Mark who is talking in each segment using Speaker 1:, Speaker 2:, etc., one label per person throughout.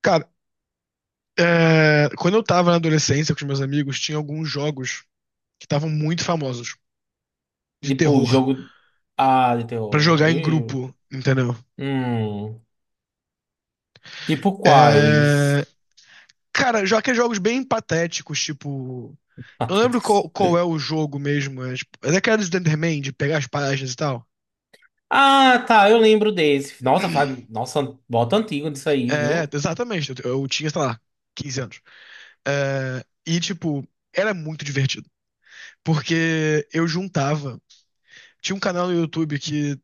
Speaker 1: Cara, quando eu tava na adolescência com os meus amigos, tinha alguns jogos que estavam muito famosos de
Speaker 2: Tipo,
Speaker 1: terror
Speaker 2: jogo. Ah, de
Speaker 1: pra
Speaker 2: terror.
Speaker 1: jogar em
Speaker 2: Aí.
Speaker 1: grupo, entendeu?
Speaker 2: Hum. Tipo quais?
Speaker 1: É, cara, já que é jogos bem patéticos, tipo. Eu não lembro
Speaker 2: Patetas.
Speaker 1: qual é o jogo mesmo. É, tipo, é daquela do Slenderman, de pegar as páginas e tal.
Speaker 2: Ah, tá, eu lembro desse. Nossa, Nossa, bota antigo disso aí,
Speaker 1: É,
Speaker 2: viu?
Speaker 1: exatamente. Eu tinha, sei lá, 15 anos. É, e, tipo, era muito divertido. Porque eu juntava. Tinha um canal no YouTube que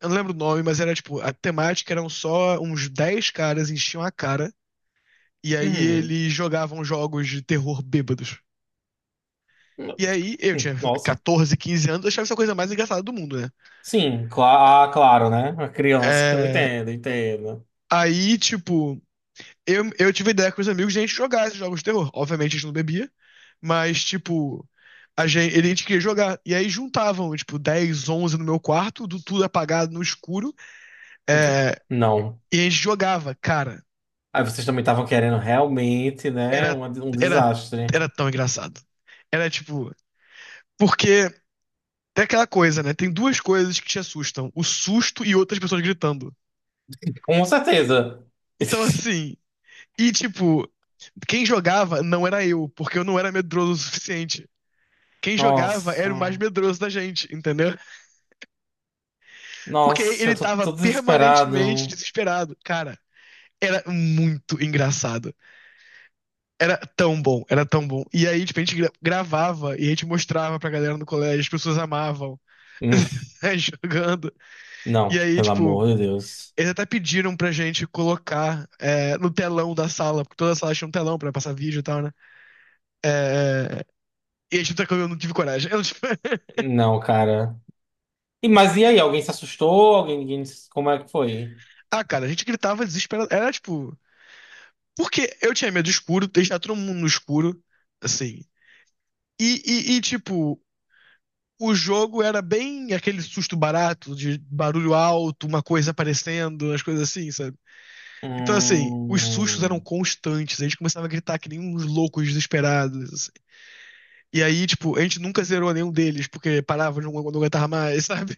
Speaker 1: eu não lembro o nome, mas era tipo, a temática eram só uns 10 caras enchiam a cara, e aí
Speaker 2: Uhum.
Speaker 1: eles jogavam jogos de terror bêbados. E aí, eu tinha
Speaker 2: Nossa.
Speaker 1: 14, 15 anos, eu achava essa coisa mais engraçada do mundo, né?
Speaker 2: Sim, ah, claro, né? Uma criança que não
Speaker 1: É,
Speaker 2: entende, entendo.
Speaker 1: aí, tipo, eu tive ideia com os amigos de a gente jogar esses jogos de terror. Obviamente a gente não bebia, mas, tipo, a gente queria jogar. E aí juntavam, tipo, 10, 11 no meu quarto, do tudo apagado no escuro, é,
Speaker 2: Não.
Speaker 1: e a gente jogava, cara.
Speaker 2: Aí vocês também estavam querendo realmente, né?
Speaker 1: era,
Speaker 2: Um
Speaker 1: era,
Speaker 2: desastre.
Speaker 1: era tão engraçado. Era tipo, porque tem aquela coisa, né? Tem duas coisas que te assustam: o susto e outras pessoas gritando.
Speaker 2: Com certeza.
Speaker 1: Então, assim, e tipo, quem jogava não era eu, porque eu não era medroso o suficiente. Quem jogava
Speaker 2: Nossa.
Speaker 1: era o mais medroso da gente, entendeu? Porque
Speaker 2: Nossa, eu
Speaker 1: ele
Speaker 2: tô,
Speaker 1: tava
Speaker 2: tô
Speaker 1: permanentemente
Speaker 2: desesperado.
Speaker 1: desesperado. Cara, era muito engraçado. Era tão bom, era tão bom. E aí, tipo, a gente gravava e a gente mostrava pra galera no colégio, as pessoas amavam. jogando. E
Speaker 2: Não,
Speaker 1: aí,
Speaker 2: pelo
Speaker 1: tipo,
Speaker 2: amor de Deus.
Speaker 1: eles até pediram pra gente colocar no telão da sala, porque toda a sala tinha um telão pra passar vídeo e tal, né? É, é, e a gente até que eu não tive coragem. Eu, tipo,
Speaker 2: Não, cara. E, mas e aí? Alguém se assustou? Alguém, ninguém, como é que foi?
Speaker 1: ah, cara, a gente gritava desesperado. Era tipo. Porque eu tinha medo do escuro, deixar todo mundo no escuro, assim. Tipo, o jogo era bem aquele susto barato, de barulho alto, uma coisa aparecendo, as coisas assim, sabe? Então, assim, os sustos eram
Speaker 2: Hum.
Speaker 1: constantes. A gente começava a gritar que nem uns loucos desesperados. Assim. E aí, tipo, a gente nunca zerou nenhum deles, porque parava, não, não aguentava mais, sabe?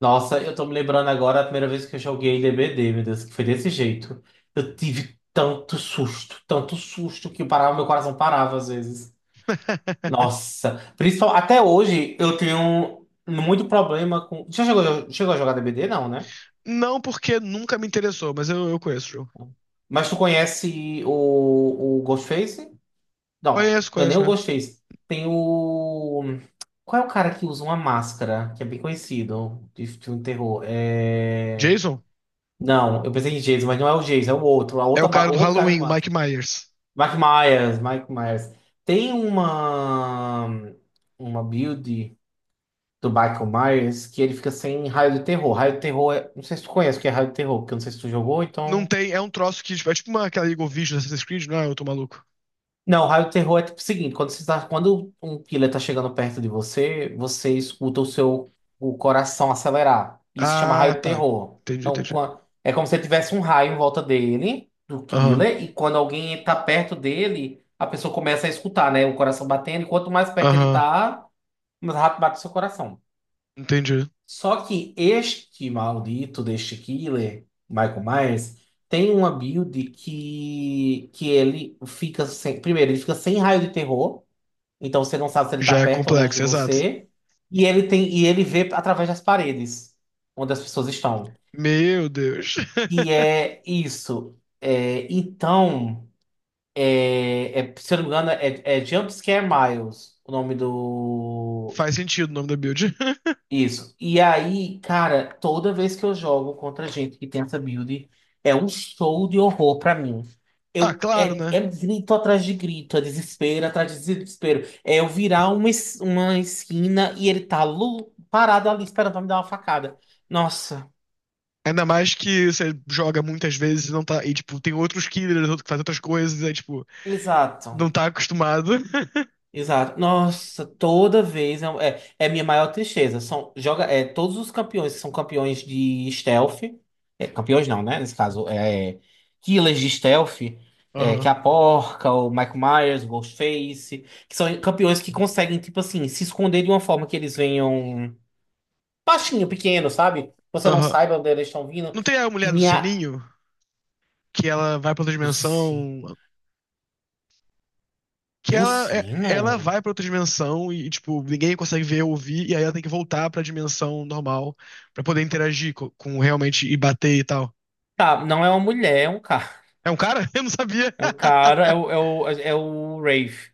Speaker 2: Nossa, eu tô me lembrando agora a primeira vez que eu joguei DBD, meu Deus, que foi desse jeito. Eu tive tanto susto que eu parava, meu coração parava às vezes. Nossa, principal, até hoje eu tenho muito problema com. Já chegou a jogar DBD? Não, né?
Speaker 1: Não porque nunca me interessou, mas eu conheço o jogo.
Speaker 2: Mas tu conhece o Ghostface? Não,
Speaker 1: Conheço,
Speaker 2: não é nem
Speaker 1: conheço,
Speaker 2: o
Speaker 1: conheço.
Speaker 2: Ghostface. Tem o. Qual é o cara que usa uma máscara, que é bem conhecido de filme de terror? É...
Speaker 1: Jason
Speaker 2: Não, eu pensei em Jason, mas não é o Jason, é o outro, a
Speaker 1: é o
Speaker 2: outra,
Speaker 1: cara
Speaker 2: o
Speaker 1: do
Speaker 2: outro cara do
Speaker 1: Halloween, o
Speaker 2: mato.
Speaker 1: Mike Myers.
Speaker 2: Mike Myers, Mike Myers. Tem uma build do Michael Myers que ele fica sem raio de terror. Raio de terror é, não sei se tu conhece o que é raio de terror, porque eu não sei se tu jogou,
Speaker 1: Não
Speaker 2: então.
Speaker 1: tem, é um troço que, tipo, é tipo uma, aquela Eagle Vision do Assassin's Creed, não é? Eu tô maluco.
Speaker 2: Não, raio terror é tipo o seguinte, quando um killer tá chegando perto de você, você escuta o coração acelerar. Isso chama
Speaker 1: Ah,
Speaker 2: raio
Speaker 1: tá.
Speaker 2: terror.
Speaker 1: Entendi,
Speaker 2: Então,
Speaker 1: entendi.
Speaker 2: é como se tivesse um raio em volta dele, do
Speaker 1: Aham,
Speaker 2: killer, e quando alguém tá perto dele, a pessoa começa a escutar, né? O coração batendo, e quanto mais perto ele
Speaker 1: aham.
Speaker 2: tá, mais rápido bate o seu coração.
Speaker 1: Entendi.
Speaker 2: Só que este maldito deste killer, Michael Myers, tem uma build que ele fica sem. Primeiro, ele fica sem raio de terror. Então você não sabe se ele tá
Speaker 1: Já é
Speaker 2: perto ou longe de
Speaker 1: complexo, exato.
Speaker 2: você. E ele vê através das paredes onde as pessoas estão.
Speaker 1: Meu Deus.
Speaker 2: E é isso. É, então, se eu não me engano, é Jumpscare Miles, o nome do.
Speaker 1: Faz sentido o nome da build.
Speaker 2: Isso. E aí, cara, toda vez que eu jogo contra gente que tem essa build, é um show de horror pra mim.
Speaker 1: Ah,
Speaker 2: Eu,
Speaker 1: claro,
Speaker 2: é, é
Speaker 1: né?
Speaker 2: grito atrás de grito, é desespero atrás de desespero. É eu virar uma esquina e ele tá parado ali esperando pra me dar uma facada. Nossa,
Speaker 1: Ainda mais que você joga muitas vezes e não tá. E, tipo, tem outros killers, outro que faz outras coisas, aí, tipo, não
Speaker 2: exato.
Speaker 1: tá acostumado.
Speaker 2: Exato. Nossa, toda vez é minha maior tristeza. São, todos os campeões que são campeões de stealth, campeões não, né? Nesse caso, killers de stealth, que é
Speaker 1: Aham,
Speaker 2: a Porca, o Michael Myers, o Ghostface, que são campeões que conseguem, tipo assim, se esconder de uma forma que eles venham baixinho, pequeno, sabe? Você não
Speaker 1: aham.
Speaker 2: saiba onde eles estão vindo.
Speaker 1: Não tem a mulher do
Speaker 2: Minha.
Speaker 1: Seninho? Que ela vai pra outra
Speaker 2: Do, si...
Speaker 1: dimensão. Que
Speaker 2: do
Speaker 1: ela, é- ela
Speaker 2: sino?
Speaker 1: vai pra outra dimensão e, tipo, ninguém consegue ver ou ouvir, e aí ela tem que voltar pra dimensão normal pra poder interagir com, realmente e bater e tal.
Speaker 2: Tá, não é uma mulher, é um cara.
Speaker 1: É um cara? Eu não sabia.
Speaker 2: É um cara, é o, é o Rafe.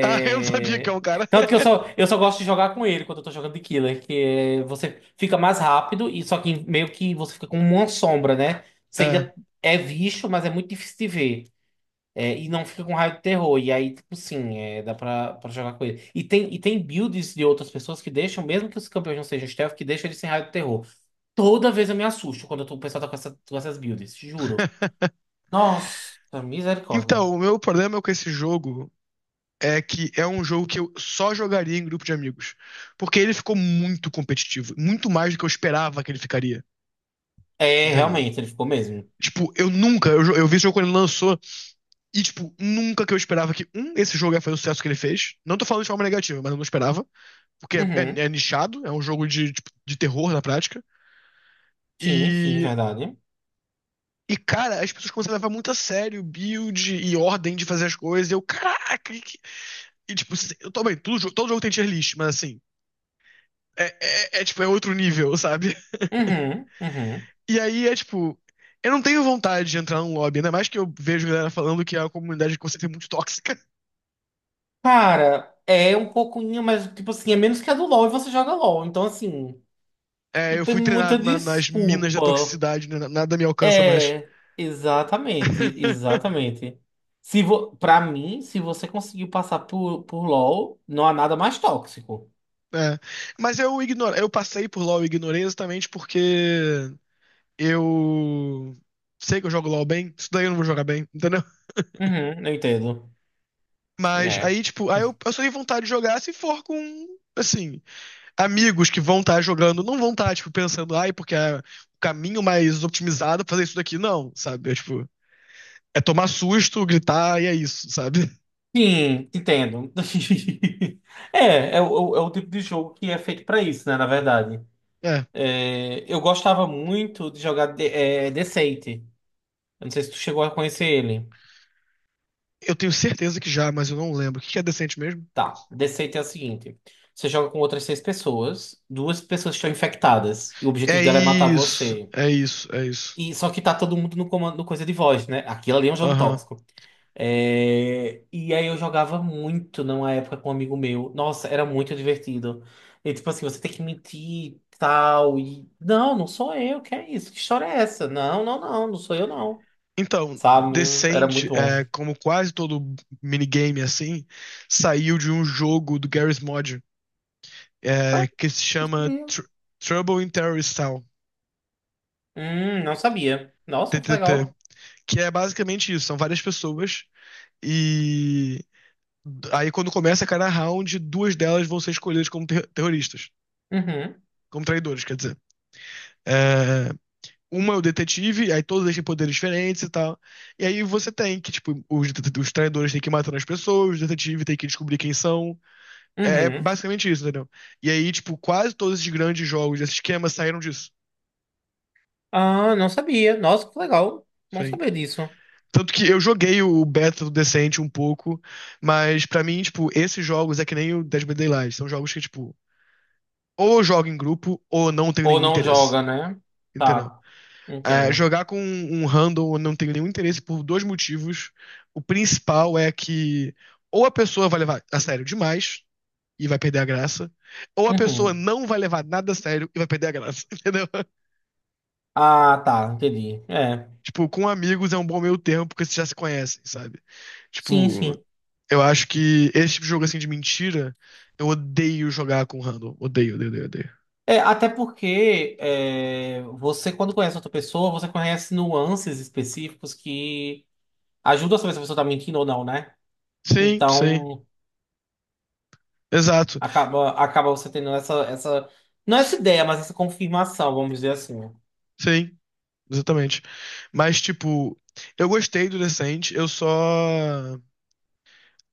Speaker 1: Ah, eu não sabia que é um cara.
Speaker 2: tanto que eu só, eu só gosto de jogar com ele quando eu tô jogando de killer, que você fica mais rápido e só que meio que você fica com uma sombra, né? Você
Speaker 1: É.
Speaker 2: ainda é visto, mas é muito difícil de ver. É, e não fica com raio de terror. E aí, tipo, sim, dá pra jogar com ele. E tem builds de outras pessoas que deixam, mesmo que os campeões não sejam stealth, que deixam ele sem raio de terror. Toda vez eu me assusto quando eu o pessoal tá com essas builds, juro. Nossa, misericórdia.
Speaker 1: Então, o meu problema com esse jogo é que é um jogo que eu só jogaria em grupo de amigos. Porque ele ficou muito competitivo, muito mais do que eu esperava que ele ficaria,
Speaker 2: É,
Speaker 1: entendeu?
Speaker 2: realmente, ele ficou mesmo.
Speaker 1: Tipo, eu nunca, eu vi esse jogo quando ele lançou, e, tipo, nunca que eu esperava que, um, esse jogo ia fazer o sucesso que ele fez. Não tô falando de forma negativa, mas eu não esperava, porque
Speaker 2: Uhum.
Speaker 1: é nichado, é um jogo de, tipo, de terror na prática.
Speaker 2: Sim, sim,
Speaker 1: E,
Speaker 2: verdade.
Speaker 1: cara, as pessoas começaram a levar muito a sério build e ordem de fazer as coisas, e eu, caraca. E, tipo, eu tô bem, todo, todo jogo tem tier list, mas assim. É, tipo, é outro nível, sabe?
Speaker 2: Uhum, uhum.
Speaker 1: E aí é tipo. Eu não tenho vontade de entrar num lobby, ainda mais que eu vejo galera falando que a comunidade que você tem muito tóxica.
Speaker 2: Cara, é um pouquinho, mas tipo assim, é menos que a do LoL e você joga LoL. Então, assim,
Speaker 1: É,
Speaker 2: não
Speaker 1: eu
Speaker 2: tem
Speaker 1: fui
Speaker 2: muita
Speaker 1: treinado nas minas da
Speaker 2: desculpa.
Speaker 1: toxicidade, né? nada me alcança mais.
Speaker 2: É, exatamente, exatamente. Se vo... Pra mim, se você conseguiu passar por LoL, não há nada mais tóxico.
Speaker 1: É. Mas eu ignoro, eu passei por LoL e ignorei exatamente porque eu sei que eu jogo LoL bem, isso daí eu não vou jogar bem, entendeu?
Speaker 2: Uhum, eu entendo.
Speaker 1: Mas
Speaker 2: É.
Speaker 1: aí, tipo, aí eu só tenho vontade de jogar se for com, assim, amigos que vão estar jogando não vão estar, tipo, pensando, ai, porque é o caminho mais otimizado é fazer isso daqui. Não, sabe? É, tipo, é tomar susto, gritar e é isso, sabe?
Speaker 2: Sim, entendo. É o tipo de jogo que é feito pra isso, né, na verdade.
Speaker 1: É.
Speaker 2: É, eu gostava muito de jogar de Deceit. Eu não sei se tu chegou a conhecer ele.
Speaker 1: Eu tenho certeza que já, mas eu não lembro. O que que é decente mesmo?
Speaker 2: Tá, Deceit é o seguinte: você joga com outras seis pessoas, duas pessoas estão infectadas, e o objetivo
Speaker 1: É
Speaker 2: dela é matar
Speaker 1: isso,
Speaker 2: você.
Speaker 1: é isso, é isso.
Speaker 2: E só que tá todo mundo no comando no coisa de voz, né? Aquilo ali é um jogo
Speaker 1: Aham.
Speaker 2: tóxico. É, e aí eu jogava muito numa época com um amigo meu. Nossa, era muito divertido. E tipo assim, você tem que mentir e tal. E. Não, não sou eu, que é isso? Que história é essa? Não, não, não, não sou eu, não.
Speaker 1: Então,
Speaker 2: sabe? Era
Speaker 1: Decent,
Speaker 2: muito bom.
Speaker 1: é, como quase todo minigame assim, saiu de um jogo do Garry's Mod, é, que se chama
Speaker 2: Hum,
Speaker 1: Trouble in Terrorist Town,
Speaker 2: não sabia. Nossa, que
Speaker 1: TTT,
Speaker 2: legal.
Speaker 1: que é basicamente isso, são várias pessoas. E aí, quando começa cada round, duas delas vão ser escolhidas como terroristas,
Speaker 2: Uhum,
Speaker 1: como traidores, quer dizer. É, uma é o detetive, aí todos eles têm poderes diferentes e tal. E aí você tem que, tipo, os traidores têm que ir matando as pessoas, o detetive tem que descobrir quem são. É, é
Speaker 2: uhum.
Speaker 1: basicamente isso, entendeu? E aí, tipo, quase todos esses grandes jogos, esses esquemas saíram disso.
Speaker 2: Ah, não sabia. Nossa, que legal. Bom
Speaker 1: Sim.
Speaker 2: saber disso.
Speaker 1: Tanto que eu joguei o beta do Decente um pouco, mas pra mim, tipo, esses jogos é que nem o Dead by Daylight. São jogos que, tipo, ou eu jogo em grupo ou eu não tenho
Speaker 2: Ou
Speaker 1: nenhum
Speaker 2: não
Speaker 1: interesse,
Speaker 2: joga, né?
Speaker 1: entendeu?
Speaker 2: Tá,
Speaker 1: É,
Speaker 2: entendo.
Speaker 1: jogar com um handle eu não tenho nenhum interesse por dois motivos. O principal é que ou a pessoa vai levar a sério demais e vai perder a graça, ou a pessoa
Speaker 2: Uhum.
Speaker 1: não vai levar nada a sério e vai perder a graça, entendeu?
Speaker 2: Ah, tá, entendi. É,
Speaker 1: Tipo, com amigos é um bom meio termo porque vocês já se conhecem, sabe?
Speaker 2: sim,
Speaker 1: Tipo,
Speaker 2: sim.
Speaker 1: eu acho que esse tipo de jogo assim de mentira, eu odeio jogar com handle. Odeio, odeio, odeio, odeio.
Speaker 2: É, até porque você, quando conhece outra pessoa, você conhece nuances específicos que ajudam a saber se a pessoa tá mentindo ou não, né?
Speaker 1: Sim, sim.
Speaker 2: Então,
Speaker 1: Exato.
Speaker 2: Acaba você tendo essa. Não essa ideia, mas essa confirmação, vamos dizer assim.
Speaker 1: Sim. Exatamente. Mas, tipo, eu gostei do Descent, eu só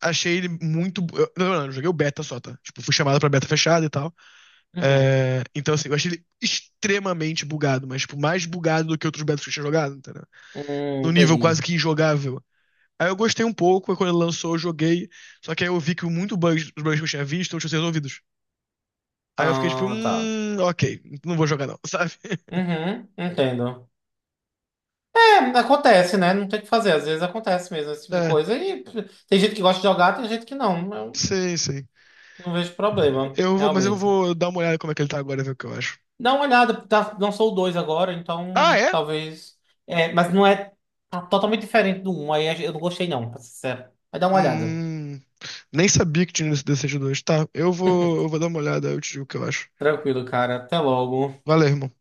Speaker 1: achei ele muito. Não, não, eu joguei o beta só, tá? Tipo, fui chamado pra beta fechada e tal.
Speaker 2: Uhum.
Speaker 1: É, então, assim, eu achei ele extremamente bugado, mas, tipo, mais bugado do que outros betas que eu tinha jogado, entendeu? No nível quase
Speaker 2: Entendi.
Speaker 1: que injogável. Aí eu gostei um pouco, aí quando ele lançou, eu joguei. Só que aí eu vi que muito bugs, os bugs que eu tinha visto não tinham sido resolvidos. Aí eu fiquei tipo,
Speaker 2: Ah, tá.
Speaker 1: ok, não vou jogar não, sabe?
Speaker 2: Uhum, entendo. É, acontece, né? Não tem o que fazer. Às vezes acontece mesmo esse tipo de
Speaker 1: É,
Speaker 2: coisa. Tem gente que gosta de jogar, tem gente que não. Eu
Speaker 1: sim, sim.
Speaker 2: não vejo problema,
Speaker 1: Eu vou, mas eu
Speaker 2: realmente.
Speaker 1: vou dar uma olhada como é que ele tá agora, e ver o que eu acho.
Speaker 2: Dá uma olhada, tá, lançou o 2 agora,
Speaker 1: Ah,
Speaker 2: então
Speaker 1: é?
Speaker 2: talvez. É, mas não é. Tá totalmente diferente do um. Aí eu não gostei, não, pra ser sincero. Mas dá uma olhada.
Speaker 1: Hum, nem sabia que tinha esse DCG2. Tá, eu vou dar uma olhada, eu te digo o que eu acho.
Speaker 2: Tranquilo, cara. Até logo.
Speaker 1: Valeu, irmão.